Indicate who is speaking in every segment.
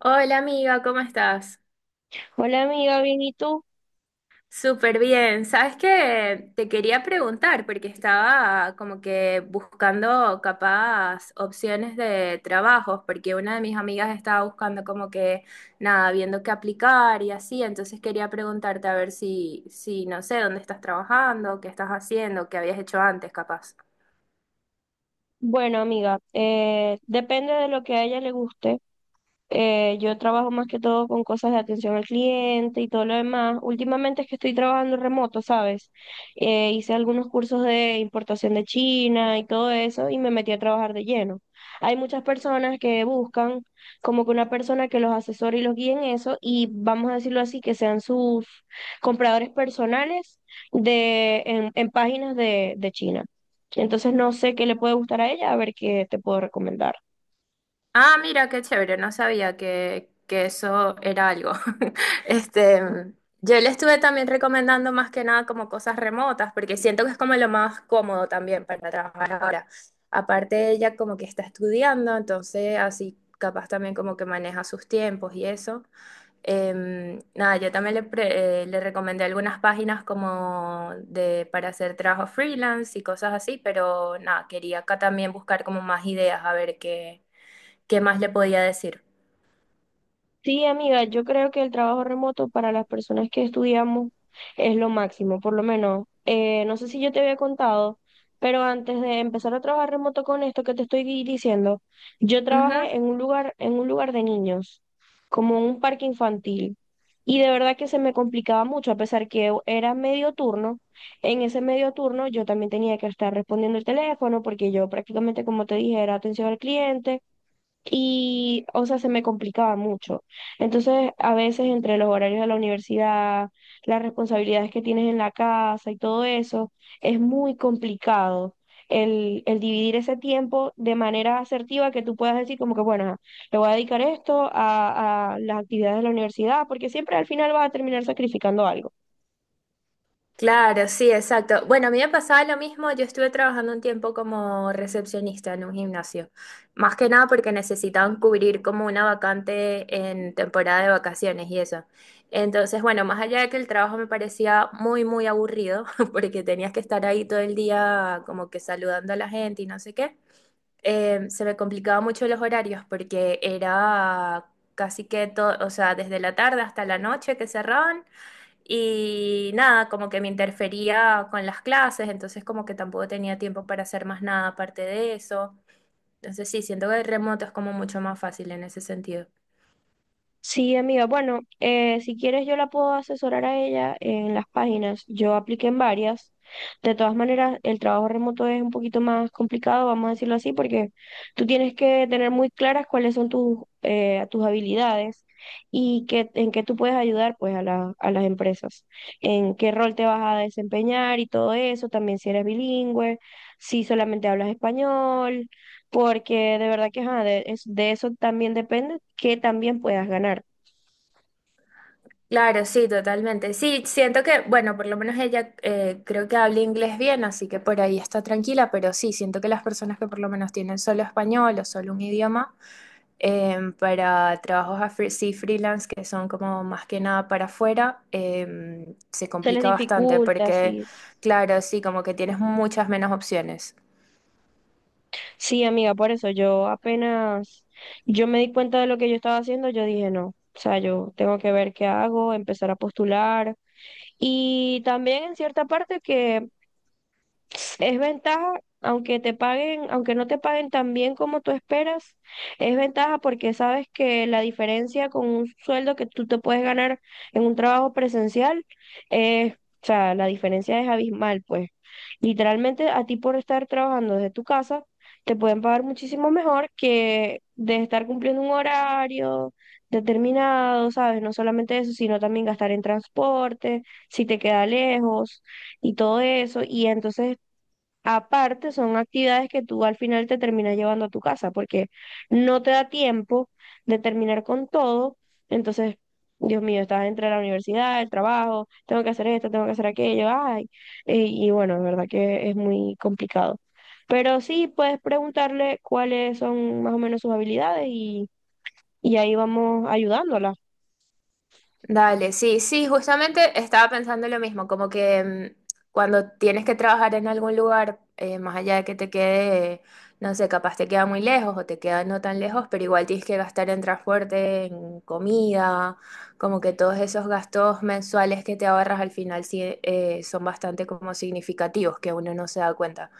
Speaker 1: Hola amiga, ¿cómo estás?
Speaker 2: Hola amiga, bien, ¿y tú?
Speaker 1: Súper bien. ¿Sabes qué? Te quería preguntar porque estaba como que buscando capaz opciones de trabajos porque una de mis amigas estaba buscando como que nada, viendo qué aplicar y así, entonces quería preguntarte a ver si, no sé, dónde estás trabajando, qué estás haciendo, qué habías hecho antes capaz.
Speaker 2: Bueno amiga, depende de lo que a ella le guste. Yo trabajo más que todo con cosas de atención al cliente y todo lo demás. Últimamente es que estoy trabajando remoto, ¿sabes? Hice algunos cursos de importación de China y todo eso y me metí a trabajar de lleno. Hay muchas personas que buscan como que una persona que los asesore y los guíe en eso y vamos a decirlo así, que sean sus compradores personales en páginas de China. Entonces no sé qué le puede gustar a ella, a ver qué te puedo recomendar.
Speaker 1: Ah, mira, qué chévere, no sabía que eso era algo. Este, mm, yo le estuve también recomendando más que nada como cosas remotas, porque siento que es como lo más cómodo también para trabajar ahora. Aparte, ella como que está estudiando, entonces así capaz también como que maneja sus tiempos y eso. Nada, yo también le recomendé algunas páginas como de, para hacer trabajo freelance y cosas así, pero nada, quería acá también buscar como más ideas, a ver qué. ¿Qué más le podía decir?
Speaker 2: Sí, amiga, yo creo que el trabajo remoto para las personas que estudiamos es lo máximo, por lo menos. No sé si yo te había contado, pero antes de empezar a trabajar remoto con esto que te estoy diciendo, yo
Speaker 1: Ujú.
Speaker 2: trabajé en un lugar de niños, como un parque infantil. Y de verdad que se me complicaba mucho, a pesar que era medio turno. En ese medio turno yo también tenía que estar respondiendo el teléfono, porque yo prácticamente, como te dije, era atención al cliente y, o sea, se me complicaba mucho. Entonces, a veces entre los horarios de la universidad, las responsabilidades que tienes en la casa y todo eso, es muy complicado el dividir ese tiempo de manera asertiva que tú puedas decir como que, bueno, ajá, le voy a dedicar esto a las actividades de la universidad, porque siempre al final vas a terminar sacrificando algo.
Speaker 1: Claro, sí, exacto. Bueno, a mí me pasaba lo mismo, yo estuve trabajando un tiempo como recepcionista en un gimnasio, más que nada porque necesitaban cubrir como una vacante en temporada de vacaciones y eso. Entonces, bueno, más allá de que el trabajo me parecía muy, muy aburrido, porque tenías que estar ahí todo el día como que saludando a la gente y no sé qué, se me complicaba mucho los horarios porque era casi que todo, o sea, desde la tarde hasta la noche que cerraban. Y nada, como que me interfería con las clases, entonces como que tampoco tenía tiempo para hacer más nada aparte de eso. Entonces sí, siento que el remoto es como mucho más fácil en ese sentido.
Speaker 2: Sí, amiga. Bueno, si quieres yo la puedo asesorar a ella en las páginas. Yo apliqué en varias. De todas maneras, el trabajo remoto es un poquito más complicado, vamos a decirlo así, porque tú tienes que tener muy claras cuáles son tus, tus habilidades y qué, en qué tú puedes ayudar pues a a las empresas, en qué rol te vas a desempeñar y todo eso, también si eres bilingüe, si solamente hablas español, porque de verdad que ajá, de, de eso también depende que también puedas ganar.
Speaker 1: Claro, sí, totalmente. Sí, siento que, bueno, por lo menos ella creo que habla inglés bien, así que por ahí está tranquila, pero sí, siento que las personas que por lo menos tienen solo español o solo un idioma, para sí, freelance, que son como más que nada para afuera, se
Speaker 2: Se les
Speaker 1: complica bastante
Speaker 2: dificulta,
Speaker 1: porque,
Speaker 2: sí.
Speaker 1: claro, sí, como que tienes muchas menos opciones.
Speaker 2: Sí, amiga, por eso yo apenas, yo me di cuenta de lo que yo estaba haciendo, yo dije no. O sea, yo tengo que ver qué hago, empezar a postular. Y también en cierta parte que es ventaja, aunque te paguen, aunque no te paguen tan bien como tú esperas, es ventaja porque sabes que la diferencia con un sueldo que tú te puedes ganar en un trabajo presencial, es o sea, la diferencia es abismal, pues. Literalmente a ti por estar trabajando desde tu casa, te pueden pagar muchísimo mejor que de estar cumpliendo un horario determinado, ¿sabes? No solamente eso, sino también gastar en transporte, si te queda lejos y todo eso. Y entonces aparte, son actividades que tú al final te terminas llevando a tu casa porque no te da tiempo de terminar con todo. Entonces, Dios mío, estás entre la universidad, el trabajo, tengo que hacer esto, tengo que hacer aquello, ay. Y bueno, es verdad que es muy complicado. Pero sí puedes preguntarle cuáles son más o menos sus habilidades y ahí vamos ayudándola.
Speaker 1: Dale, sí, sí, justamente estaba pensando lo mismo, como que mm, cuando tienes que trabajar en algún lugar, más allá de que te quede, no sé, capaz te queda muy lejos o te queda no tan lejos, pero igual tienes que gastar en transporte, en comida, como que todos esos gastos mensuales que te ahorras al final sí, son bastante como significativos, que uno no se da cuenta.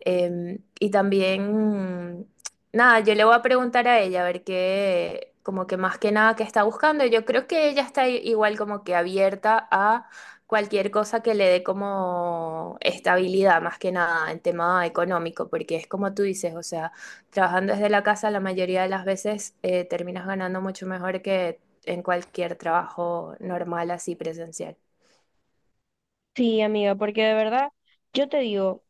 Speaker 1: Y también, nada, yo le voy a preguntar a ella a ver qué, como que más que nada qué está buscando. Yo creo que ella está igual como que abierta a cualquier cosa que le dé como estabilidad, más que nada en tema económico, porque es como tú dices, o sea, trabajando desde la casa la mayoría de las veces terminas ganando mucho mejor que en cualquier trabajo normal así presencial.
Speaker 2: Sí, amiga, porque de verdad, yo te digo,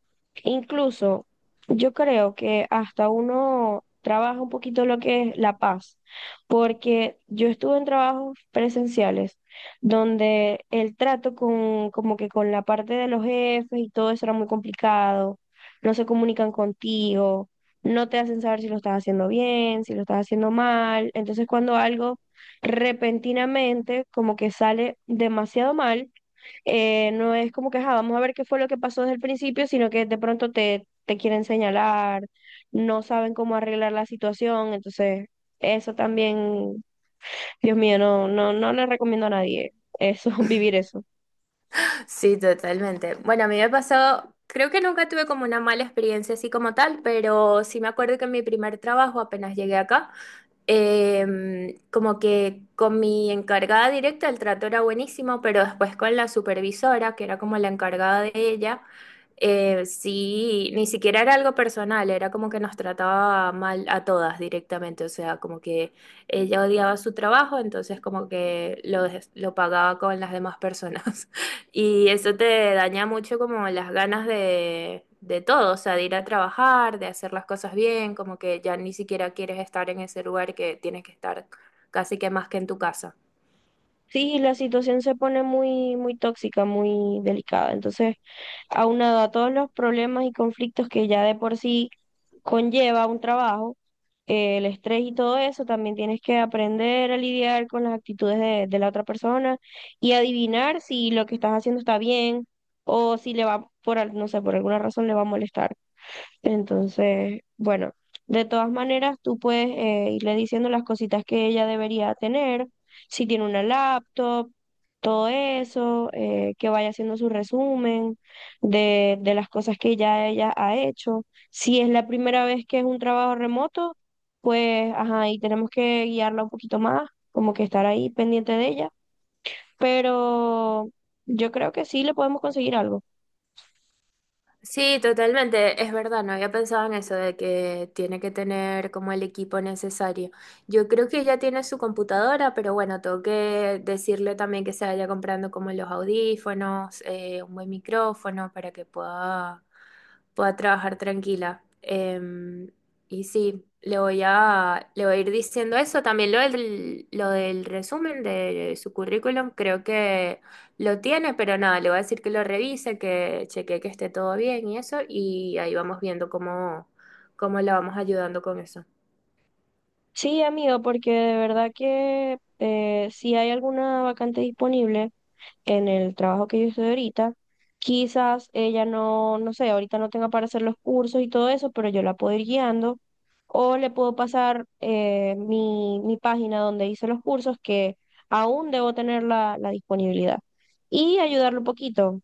Speaker 2: incluso yo creo que hasta uno trabaja un poquito lo que es la paz, porque yo estuve en trabajos presenciales donde el trato con, como que con la parte de los jefes y todo eso era muy complicado, no se comunican contigo, no te hacen saber si lo estás haciendo bien, si lo estás haciendo mal, entonces cuando algo repentinamente como que sale demasiado mal, no es como que: "Ajá, vamos a ver qué fue lo que pasó desde el principio", sino que de pronto te quieren señalar, no saben cómo arreglar la situación, entonces eso también, Dios mío, no, no, no le recomiendo a nadie eso, vivir eso.
Speaker 1: Sí, totalmente. Bueno, a mí me pasó, creo que nunca tuve como una mala experiencia así como tal, pero sí me acuerdo que en mi primer trabajo, apenas llegué acá, como que con mi encargada directa el trato era buenísimo, pero después con la supervisora, que era como la encargada de ella, sí, ni siquiera era algo personal, era como que nos trataba mal a todas directamente, o sea, como que ella odiaba su trabajo, entonces como que lo pagaba con las demás personas. Y eso te daña mucho como las ganas de todo, o sea, de ir a trabajar, de hacer las cosas bien, como que ya ni siquiera quieres estar en ese lugar que tienes que estar casi que más que en tu casa.
Speaker 2: Sí, la situación se pone muy, muy tóxica, muy delicada. Entonces, aunado a todos los problemas y conflictos que ya de por sí conlleva un trabajo, el estrés y todo eso, también tienes que aprender a lidiar con las actitudes de la otra persona y adivinar si lo que estás haciendo está bien o si le va por, no sé, por alguna razón le va a molestar. Entonces, bueno, de todas maneras, tú puedes irle diciendo las cositas que ella debería tener, si tiene una laptop, todo eso, que vaya haciendo su resumen de las cosas que ya ella ha hecho. Si es la primera vez que es un trabajo remoto, pues, ajá, y tenemos que guiarla un poquito más, como que estar ahí pendiente de ella, pero yo creo que sí le podemos conseguir algo.
Speaker 1: Sí, totalmente, es verdad, no había pensado en eso de que tiene que tener como el equipo necesario. Yo creo que ya tiene su computadora, pero bueno, tengo que decirle también que se vaya comprando como los audífonos, un buen micrófono para que pueda trabajar tranquila. Y sí, le voy a ir diciendo eso. También lo del resumen de su currículum, creo que lo tiene, pero nada, le voy a decir que lo revise, que chequee que esté todo bien y eso, y ahí vamos viendo cómo la vamos ayudando con eso.
Speaker 2: Sí, amigo, porque de verdad que si hay alguna vacante disponible en el trabajo que yo estoy ahorita, quizás ella no, no sé, ahorita no tenga para hacer los cursos y todo eso, pero yo la puedo ir guiando o le puedo pasar mi página donde hice los cursos que aún debo tener la disponibilidad y ayudarle un poquito.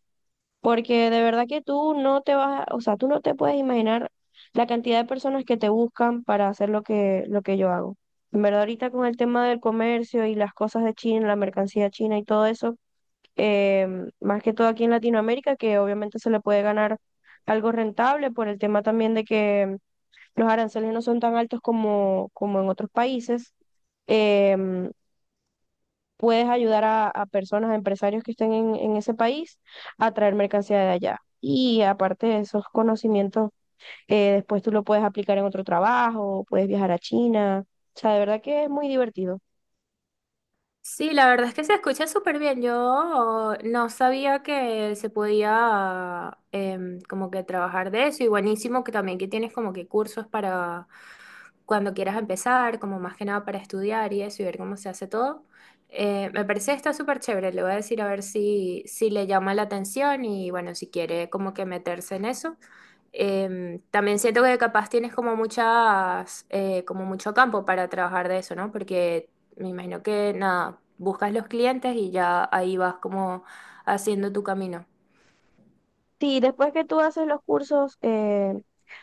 Speaker 2: Porque de verdad que tú no te vas, o sea, tú no te puedes imaginar la cantidad de personas que te buscan para hacer lo que yo hago. En verdad, ahorita con el tema del comercio y las cosas de China, la mercancía china y todo eso, más que todo aquí en Latinoamérica, que obviamente se le puede ganar algo rentable por el tema también de que los aranceles no son tan altos como, como en otros países. em, Puedes ayudar a personas, a empresarios que estén en ese país a traer mercancía de allá. Y aparte de esos conocimientos, después tú lo puedes aplicar en otro trabajo, puedes viajar a China. O sea, de verdad que es muy divertido.
Speaker 1: Sí, la verdad es que se escucha súper bien. Yo no sabía que se podía como que trabajar de eso y buenísimo que también que tienes como que cursos para cuando quieras empezar, como más que nada para estudiar y eso y ver cómo se hace todo. Me parece que está súper chévere, le voy a decir a ver si, le llama la atención y bueno, si quiere como que meterse en eso. También siento que capaz tienes como muchas, como mucho campo para trabajar de eso, ¿no? Porque me imagino que nada, buscas los clientes y ya ahí vas como haciendo tu camino.
Speaker 2: Sí, después que tú haces los cursos,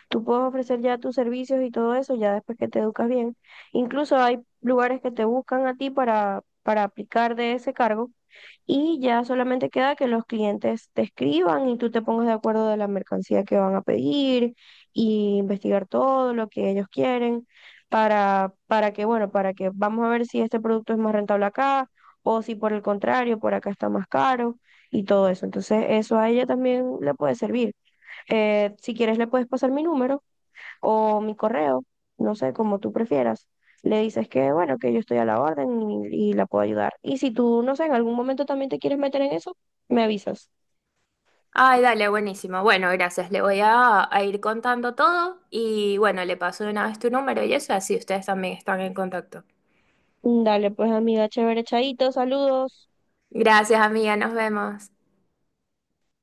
Speaker 2: tú puedes ofrecer ya tus servicios y todo eso, ya después que te educas bien. Incluso hay lugares que te buscan a ti para aplicar de ese cargo y ya solamente queda que los clientes te escriban y tú te pongas de acuerdo de la mercancía que van a pedir y investigar todo lo que ellos quieren para que, bueno, para que vamos a ver si este producto es más rentable acá o si por el contrario, por acá está más caro y todo eso. Entonces, eso a ella también le puede servir. Si quieres, le puedes pasar mi número o mi correo, no sé, como tú prefieras. Le dices que, bueno, que yo estoy a la orden y la puedo ayudar. Y si tú, no sé, en algún momento también te quieres meter en eso, me avisas.
Speaker 1: Ay, dale, buenísimo. Bueno, gracias. A ir contando todo y bueno, le paso de una vez tu número y eso, así ustedes también están en contacto.
Speaker 2: Dale, pues amiga, chévere, chaito, saludos.
Speaker 1: Gracias, amiga. Nos vemos.